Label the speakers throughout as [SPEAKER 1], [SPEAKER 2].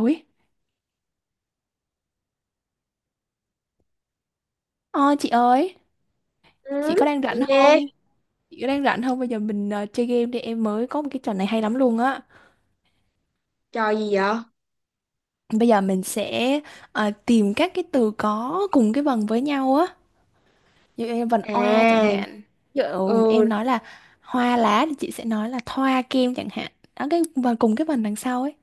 [SPEAKER 1] Ôi, ờ, chị ơi,
[SPEAKER 2] Ừ,
[SPEAKER 1] chị có đang
[SPEAKER 2] chị
[SPEAKER 1] rảnh
[SPEAKER 2] nghe.
[SPEAKER 1] không? Chị có đang rảnh không? Bây giờ mình chơi game đi, em mới có một cái trò này hay lắm luôn á.
[SPEAKER 2] Trò gì vậy?
[SPEAKER 1] Bây giờ mình sẽ tìm các cái từ có cùng cái vần với nhau á. Ví dụ em vần oa chẳng
[SPEAKER 2] À,
[SPEAKER 1] hạn. Ví dụ
[SPEAKER 2] ừ,
[SPEAKER 1] em nói là hoa lá thì chị sẽ nói là thoa kem chẳng hạn. Đó cái và cùng cái vần đằng sau ấy.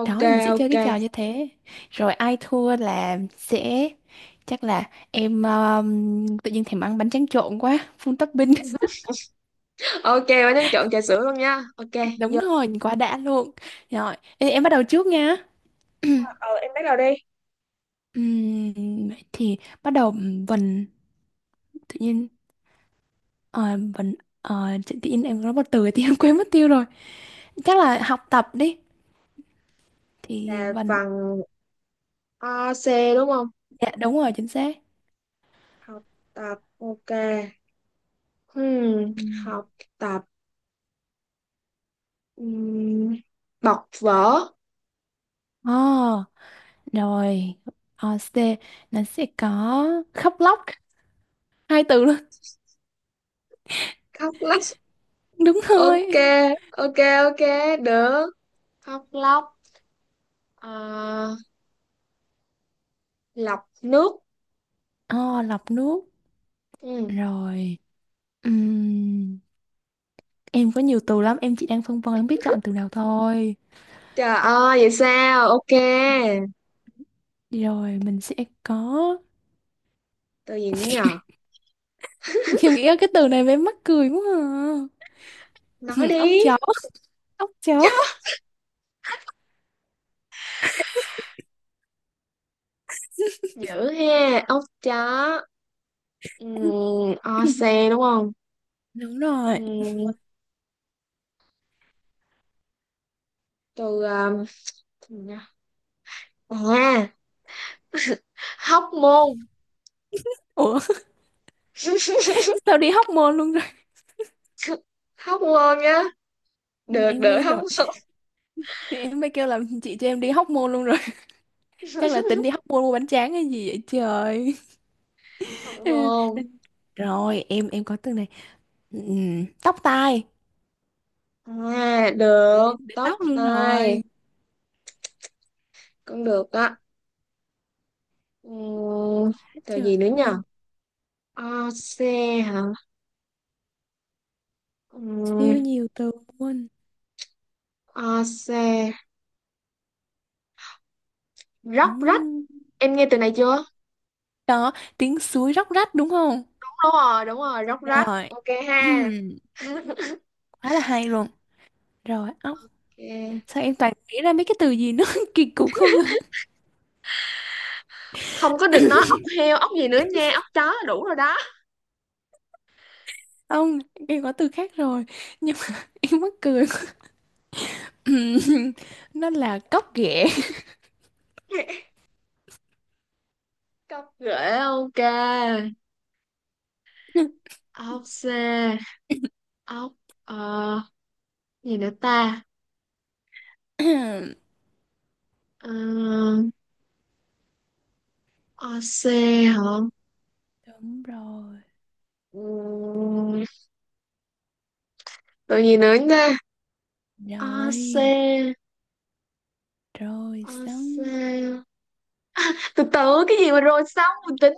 [SPEAKER 2] ok,
[SPEAKER 1] Đó thì mình sẽ chơi
[SPEAKER 2] ok.
[SPEAKER 1] cái trò như thế. Rồi ai thua là sẽ chắc là em tự nhiên thèm ăn bánh tráng trộn quá, full topping.
[SPEAKER 2] Ok, bạn đang chọn trà sữa luôn nha. Ok,
[SPEAKER 1] Đúng
[SPEAKER 2] giờ
[SPEAKER 1] rồi, quá đã luôn. Rồi, ê, em bắt đầu trước nha.
[SPEAKER 2] ờ, em bắt đầu đi.
[SPEAKER 1] Vậy thì bắt đầu vần tự nhiên ờ, vần tự tự nhiên em nói một từ thì em quên mất tiêu rồi. Chắc là học tập đi. Thì
[SPEAKER 2] Là
[SPEAKER 1] vần
[SPEAKER 2] bằng AC đúng không?
[SPEAKER 1] dạ đúng rồi, chính xác.
[SPEAKER 2] Học tập, ok. Hmm,
[SPEAKER 1] Ừm.
[SPEAKER 2] học tập. Ừm, bọc vở.
[SPEAKER 1] Ờ, rồi. C nó sẽ có khóc lóc hai từ luôn.
[SPEAKER 2] Khóc lóc.
[SPEAKER 1] Đúng
[SPEAKER 2] Ok,
[SPEAKER 1] rồi.
[SPEAKER 2] ok, ok, được. Khóc lóc. Ờ, lọc nước.
[SPEAKER 1] Ờ, lọc nước.
[SPEAKER 2] Ừ.
[SPEAKER 1] Rồi. Ừm, em có nhiều từ lắm, em chỉ đang phân vân không biết chọn từ nào thôi.
[SPEAKER 2] Trời ơi, vậy sao? Ok.
[SPEAKER 1] Rồi mình sẽ có
[SPEAKER 2] Từ gì nữa nhờ?
[SPEAKER 1] em nghĩ cái từ này mới mắc cười quá à.
[SPEAKER 2] Nói
[SPEAKER 1] Ốc
[SPEAKER 2] đi.
[SPEAKER 1] chó. Ốc chó.
[SPEAKER 2] Chó. Dữ ha, ốc chó. O xe đúng không?
[SPEAKER 1] Đúng rồi.
[SPEAKER 2] Ừm, từ từ nha. À, hóc môn.
[SPEAKER 1] Ủa, sao đi hóc môn luôn rồi.
[SPEAKER 2] Hóc môn nhá.
[SPEAKER 1] Ừ,
[SPEAKER 2] Được
[SPEAKER 1] em
[SPEAKER 2] được
[SPEAKER 1] nghe
[SPEAKER 2] hóc
[SPEAKER 1] rồi.
[SPEAKER 2] môn.
[SPEAKER 1] Thì em mới kêu là chị cho em đi hóc môn luôn rồi. Chắc là tính đi hóc môn mua bánh tráng hay gì vậy trời.
[SPEAKER 2] Hóc môn.
[SPEAKER 1] Rồi em có từ này. Tóc tai.
[SPEAKER 2] À,
[SPEAKER 1] Đến,
[SPEAKER 2] được.
[SPEAKER 1] đến, đến
[SPEAKER 2] Tóc
[SPEAKER 1] tóc luôn
[SPEAKER 2] tai
[SPEAKER 1] rồi.
[SPEAKER 2] cũng được á. Ừm,
[SPEAKER 1] Quá
[SPEAKER 2] từ
[SPEAKER 1] trời
[SPEAKER 2] gì nữa
[SPEAKER 1] luôn.
[SPEAKER 2] nhờ? O xe hả?
[SPEAKER 1] Siêu
[SPEAKER 2] Ừm,
[SPEAKER 1] nhiều từ luôn.
[SPEAKER 2] o xe. Róc rách,
[SPEAKER 1] Ừm.
[SPEAKER 2] em nghe từ này chưa?
[SPEAKER 1] Đó, tiếng suối róc rách đúng không?
[SPEAKER 2] Đúng rồi, đúng rồi, róc rách,
[SPEAKER 1] Rồi,
[SPEAKER 2] ok ha.
[SPEAKER 1] quá là hay luôn, rồi ốc
[SPEAKER 2] Ok.
[SPEAKER 1] sao em toàn nghĩ ra mấy cái từ gì nó kỳ cục không à?
[SPEAKER 2] Không có được nói ốc heo, ốc gì nữa nha, ốc chó là đủ rồi đó.
[SPEAKER 1] Ông, em có từ khác rồi nhưng mà em mắc cười. Nó là cóc ghẻ.
[SPEAKER 2] Cọc rễ, ok. Ốc xe. Ốc, ờ gì nữa ta? ờ Ốc xe hả?
[SPEAKER 1] Đúng rồi
[SPEAKER 2] Ừm, rồi gì nữa nha. Ốc xe.
[SPEAKER 1] rồi rồi
[SPEAKER 2] Ốc xe
[SPEAKER 1] xong,
[SPEAKER 2] từ từ, cái gì mà rồi xong mình tính.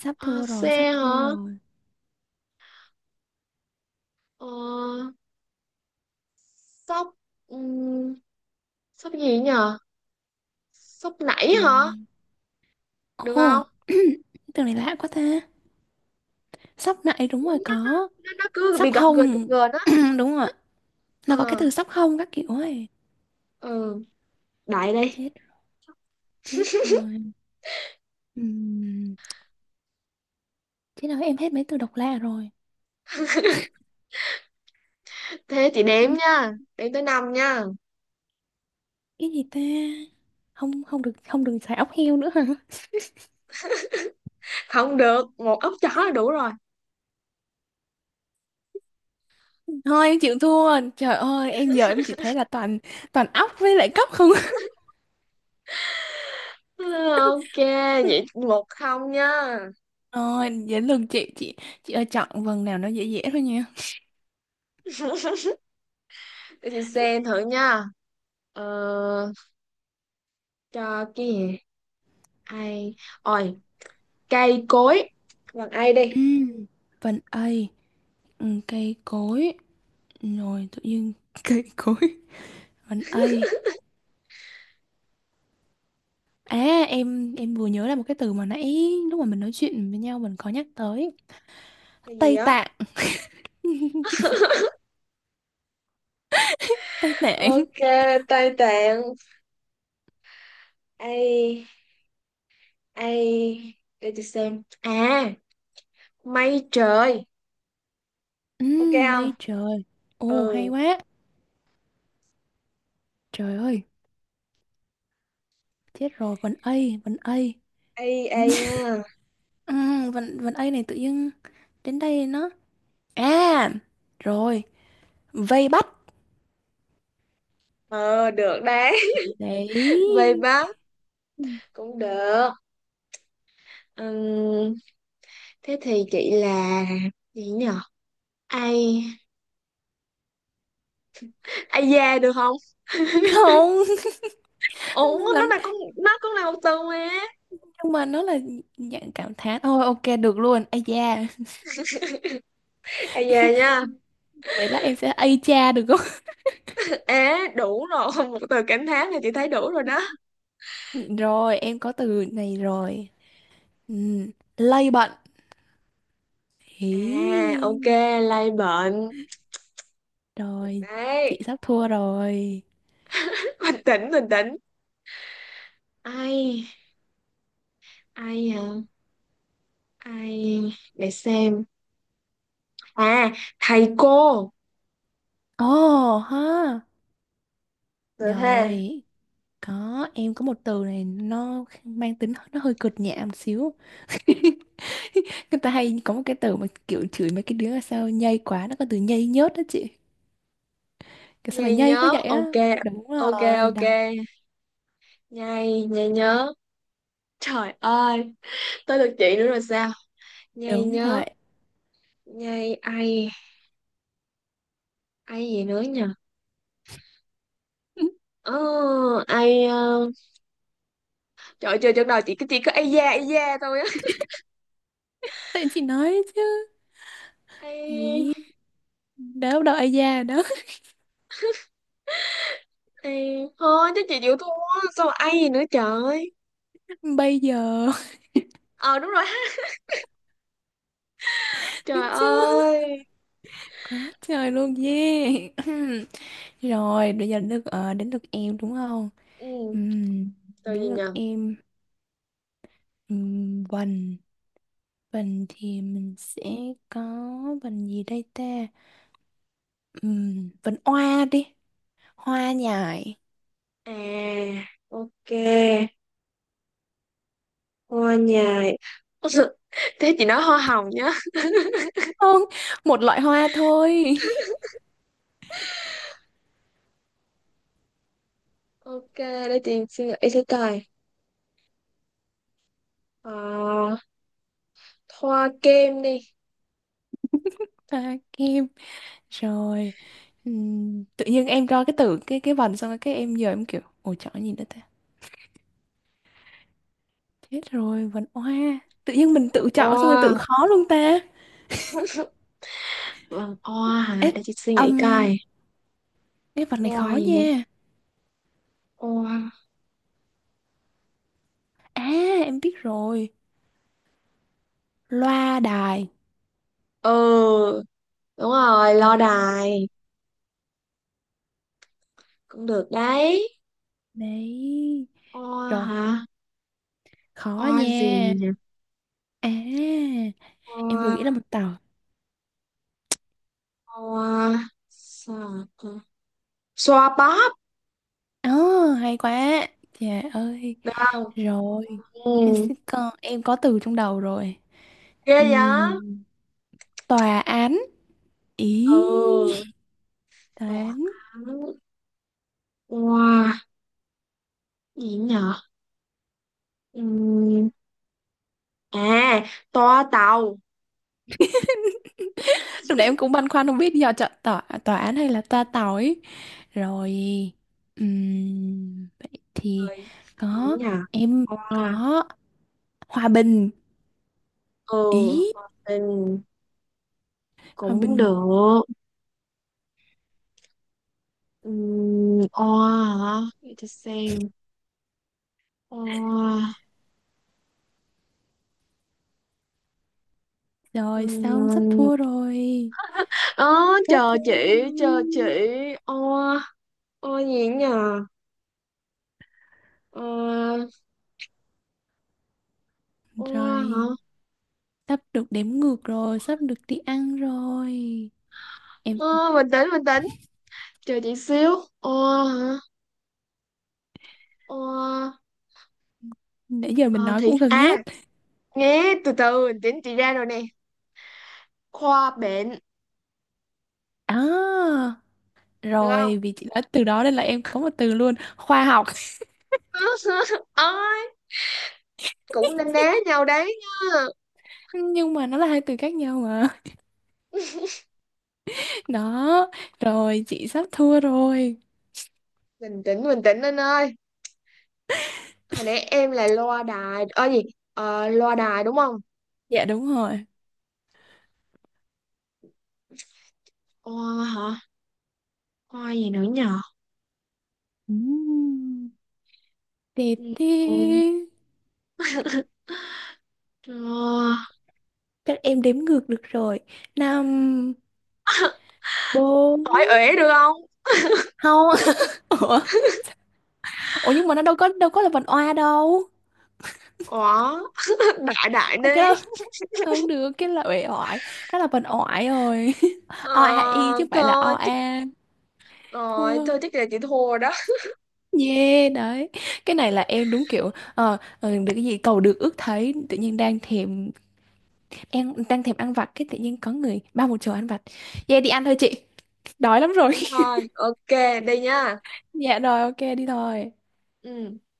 [SPEAKER 1] sắp
[SPEAKER 2] Ốc
[SPEAKER 1] thua rồi, sắp
[SPEAKER 2] xe
[SPEAKER 1] thua
[SPEAKER 2] hả?
[SPEAKER 1] rồi.
[SPEAKER 2] ờ Sóc, sốc gì nhờ? Sốc nảy hả?
[SPEAKER 1] Rồi
[SPEAKER 2] Được
[SPEAKER 1] ồ,
[SPEAKER 2] không?
[SPEAKER 1] cái từ này lạ quá ta. Sóc nại đúng
[SPEAKER 2] Nó,
[SPEAKER 1] rồi,
[SPEAKER 2] nó,
[SPEAKER 1] có
[SPEAKER 2] nó cứ bị
[SPEAKER 1] sóc
[SPEAKER 2] gập ghềnh, gập
[SPEAKER 1] hông
[SPEAKER 2] ghềnh á.
[SPEAKER 1] đúng rồi, nó có cái
[SPEAKER 2] Ờ,
[SPEAKER 1] từ sóc hông các kiểu ấy.
[SPEAKER 2] ừ, đại đi.
[SPEAKER 1] Chết, chết rồi. Ừm, Thế nào em hết mấy từ độc lạ rồi.
[SPEAKER 2] Thế chị
[SPEAKER 1] Ừ,
[SPEAKER 2] đếm nha. Đếm tới năm nha.
[SPEAKER 1] cái gì ta. Không, không được xài ốc heo nữa hả?
[SPEAKER 2] Không được, một ốc chó là đủ rồi.
[SPEAKER 1] Thôi em chịu thua. Trời ơi, em giờ em chỉ thấy là toàn toàn ốc với lại cốc không.
[SPEAKER 2] Ừ, ok, vậy một không nha.
[SPEAKER 1] Rồi, đến lượt chị, chị ơi, chọn vần nào nó dễ dễ thôi nha.
[SPEAKER 2] Để chị xem thử nha. Ờ, cho cái gì? Ai? Ôi, cây cối. Bằng ai
[SPEAKER 1] Ừ.
[SPEAKER 2] đi?
[SPEAKER 1] Vần A, ừ, cây cối. Rồi tự nhiên cây cối. Vần A. À em vừa nhớ là một cái từ mà nãy lúc mà mình nói chuyện với nhau mình có nhắc tới
[SPEAKER 2] Cái gì
[SPEAKER 1] Tây
[SPEAKER 2] á?
[SPEAKER 1] Tạng. Chị- Tây Tạng.
[SPEAKER 2] Ok, tay tạng. Ai? Ai để tôi xem. À, mây trời.
[SPEAKER 1] Ừ,
[SPEAKER 2] Ok không?
[SPEAKER 1] mây trời. Ồ,
[SPEAKER 2] Ừ,
[SPEAKER 1] hay quá. Trời ơi, chết rồi, vần A, vần A.
[SPEAKER 2] ai ai nha.
[SPEAKER 1] Ừ, vần A này tự nhiên đến đây nó. À, rồi, vây bắt.
[SPEAKER 2] Ờ, được đấy.
[SPEAKER 1] Đấy.
[SPEAKER 2] Về bác cũng được. Ừm, thế thì chị là gì nhở? Ai, ai da được không?
[SPEAKER 1] Không,
[SPEAKER 2] Ủa, nó
[SPEAKER 1] là-
[SPEAKER 2] là con, nó cũng là một từ mà.
[SPEAKER 1] nhưng mà nó là dạng cảm thán. Thôi, ok, được luôn. Ây da.
[SPEAKER 2] Ai da nha.
[SPEAKER 1] Vậy lát em sẽ ây cha được không?
[SPEAKER 2] Ế, đủ rồi. Một từ cảm thán là chị thấy đủ rồi đó.
[SPEAKER 1] Rồi, em có từ này rồi. Ừ, lây bận.
[SPEAKER 2] À, ok,
[SPEAKER 1] Hí.
[SPEAKER 2] lây bệnh. Được
[SPEAKER 1] Rồi, chị
[SPEAKER 2] đấy.
[SPEAKER 1] sắp thua rồi.
[SPEAKER 2] Bình tĩnh, bình tĩnh. Ai, ai hả? Ai để xem. À, thầy cô
[SPEAKER 1] Ồ ha.
[SPEAKER 2] được ha.
[SPEAKER 1] Rồi, em có một từ này nó mang tính nó hơi cực nhẹ một xíu. Người ta hay có một cái từ mà kiểu chửi mấy cái đứa là sao nhây quá, nó có từ nhây nhớt đó chị. Kiểu sao mày
[SPEAKER 2] Nhây
[SPEAKER 1] nhây quá
[SPEAKER 2] nhớ,
[SPEAKER 1] vậy á?
[SPEAKER 2] ok.
[SPEAKER 1] Đúng
[SPEAKER 2] Ok,
[SPEAKER 1] rồi,
[SPEAKER 2] ok,
[SPEAKER 1] đó.
[SPEAKER 2] nhây nhây nhớ. Trời ơi, tới lượt chị nữa rồi sao? Nhây
[SPEAKER 1] Đúng
[SPEAKER 2] nhớ,
[SPEAKER 1] vậy.
[SPEAKER 2] nhây. Ai ai gì nữa nhờ?
[SPEAKER 1] Ừ,
[SPEAKER 2] ờ ai ờ, trời ơi, chơi trước đầu chị cứ, ai da thôi á.
[SPEAKER 1] tại chị nói chứ.
[SPEAKER 2] Ai
[SPEAKER 1] Ý, đó đâu ai già đó.
[SPEAKER 2] ai thôi, chứ chị chịu thua. Sao mà ai gì nữa trời.
[SPEAKER 1] Bây giờ.
[SPEAKER 2] Ờ, đúng rồi ha. Trời
[SPEAKER 1] Chứ.
[SPEAKER 2] ơi.
[SPEAKER 1] Quá trời luôn, yeah. Rồi, bây giờ đến lượt em đúng không?
[SPEAKER 2] Ừ,
[SPEAKER 1] Ừm,
[SPEAKER 2] rồi gì
[SPEAKER 1] đến lượt
[SPEAKER 2] nhờ?
[SPEAKER 1] em. Vần vần thì mình sẽ có vần gì đây ta? Vần hoa đi, hoa nhài.
[SPEAKER 2] À, ok. Hoa nhài. Thế chị nói hoa hồng nhá.
[SPEAKER 1] Không, một loại hoa thôi.
[SPEAKER 2] Ok, để chị suy nghĩ sẽ coi. Ờ, hoa kem đi.
[SPEAKER 1] Hoa kim. Rồi. Tự nhiên em cho cái từ cái vần xong rồi cái em giờ em kiểu ồ chọn gì nữa ta? Chết rồi, vần hoa. Tự nhiên mình tự chọn xong rồi tự
[SPEAKER 2] Hoa.
[SPEAKER 1] khó luôn ta.
[SPEAKER 2] Vâng, hoa
[SPEAKER 1] Ê,
[SPEAKER 2] hả? Để chị suy nghĩ
[SPEAKER 1] âm
[SPEAKER 2] coi.
[SPEAKER 1] cái vần này
[SPEAKER 2] Hoa
[SPEAKER 1] khó
[SPEAKER 2] gì nữa?
[SPEAKER 1] nha.
[SPEAKER 2] Hoa.
[SPEAKER 1] À em biết rồi, loa đài.
[SPEAKER 2] Ừ, đúng rồi, lo
[SPEAKER 1] Đó đó
[SPEAKER 2] đài cũng được đấy.
[SPEAKER 1] đấy.
[SPEAKER 2] Hoa
[SPEAKER 1] Rồi,
[SPEAKER 2] hả?
[SPEAKER 1] khó
[SPEAKER 2] Hoa
[SPEAKER 1] nha.
[SPEAKER 2] gì nhỉ?
[SPEAKER 1] À em vừa nghĩ ra
[SPEAKER 2] Hoa.
[SPEAKER 1] một tàu.
[SPEAKER 2] Hoa sao? Xoa bóp
[SPEAKER 1] Ờ hay quá. Trời ơi.
[SPEAKER 2] được không?
[SPEAKER 1] Rồi.
[SPEAKER 2] Ừ,
[SPEAKER 1] Em có từ trong đầu rồi.
[SPEAKER 2] ghê vậy.
[SPEAKER 1] Ừm, Tòa án. Ý,
[SPEAKER 2] Ừ,
[SPEAKER 1] tòa
[SPEAKER 2] tòa
[SPEAKER 1] án.
[SPEAKER 2] án. Wow, gì nhở? Ừm, à, toa tàu.
[SPEAKER 1] Lúc nãy em cũng băn khoăn không biết giờ chọn tòa, tòa án hay là toa tàu ấy. Rồi, vậy thì
[SPEAKER 2] Rồi, gì
[SPEAKER 1] có
[SPEAKER 2] nhở?
[SPEAKER 1] em
[SPEAKER 2] Oa.
[SPEAKER 1] có hòa bình.
[SPEAKER 2] Ừ,
[SPEAKER 1] Ý,
[SPEAKER 2] hòa bình
[SPEAKER 1] hòa
[SPEAKER 2] cũng được.
[SPEAKER 1] bình.
[SPEAKER 2] Oa hả? Để tôi xem. Oa.
[SPEAKER 1] Rồi xong, sắp
[SPEAKER 2] Ừm,
[SPEAKER 1] thua rồi.
[SPEAKER 2] ớ,
[SPEAKER 1] Sắp
[SPEAKER 2] chờ
[SPEAKER 1] thua
[SPEAKER 2] chị,
[SPEAKER 1] rồi.
[SPEAKER 2] chờ chị. Oa. Oa gì nhờ? Oa. Oa hả?
[SPEAKER 1] Rồi, sắp được đếm ngược rồi, sắp được đi ăn rồi. Em
[SPEAKER 2] Ơ, bình tĩnh, bình tĩnh. Chờ chị xíu. Oa hả? Oa.
[SPEAKER 1] nãy giờ mình
[SPEAKER 2] Ờ,
[SPEAKER 1] nói
[SPEAKER 2] thì
[SPEAKER 1] cũng gần
[SPEAKER 2] à,
[SPEAKER 1] hết.
[SPEAKER 2] nghe từ từ, bình tĩnh, chị ra rồi nè. Khoa bệnh
[SPEAKER 1] À,
[SPEAKER 2] được không?
[SPEAKER 1] rồi vì chị nói từ đó nên là em có một từ luôn, khoa học.
[SPEAKER 2] Ôi, cũng nên đá nhau đấy nha.
[SPEAKER 1] Nhưng mà nó là hai từ khác nhau mà. Đó, rồi chị sắp thua rồi.
[SPEAKER 2] Bình tĩnh, bình tĩnh anh ơi. Hồi nãy em là loa đài, gì loa đài đúng không?
[SPEAKER 1] Dạ đúng rồi.
[SPEAKER 2] Khoa hả? Khoa gì nữa nhờ?
[SPEAKER 1] Ừm. Tê tê.
[SPEAKER 2] Ừ, ờ,
[SPEAKER 1] Chắc em đếm ngược được rồi. Năm, bốn.
[SPEAKER 2] hỏi uể được không?
[SPEAKER 1] Không, ủa? Ủa nhưng mà nó đâu có là vần oa đâu.
[SPEAKER 2] Có. Đại đại
[SPEAKER 1] Ủa, cái
[SPEAKER 2] đi.
[SPEAKER 1] đó không được, cái là uể oải. Đó là vần oải rồi.
[SPEAKER 2] ờ,
[SPEAKER 1] O a i chứ không phải là o
[SPEAKER 2] Thôi thích.
[SPEAKER 1] a.
[SPEAKER 2] Rồi,
[SPEAKER 1] Thua.
[SPEAKER 2] thôi thích là chị thua rồi đó.
[SPEAKER 1] Yeah, đấy. Cái này là em đúng kiểu được cái gì cầu được ước thấy, tự nhiên đang thèm em đang thèm ăn vặt, cái tự nhiên có người bao một chầu ăn vặt, vậy đi ăn thôi chị, đói lắm rồi.
[SPEAKER 2] Đi thôi, ok, đi nha.
[SPEAKER 1] Dạ rồi, ok, đi thôi.
[SPEAKER 2] Ừ.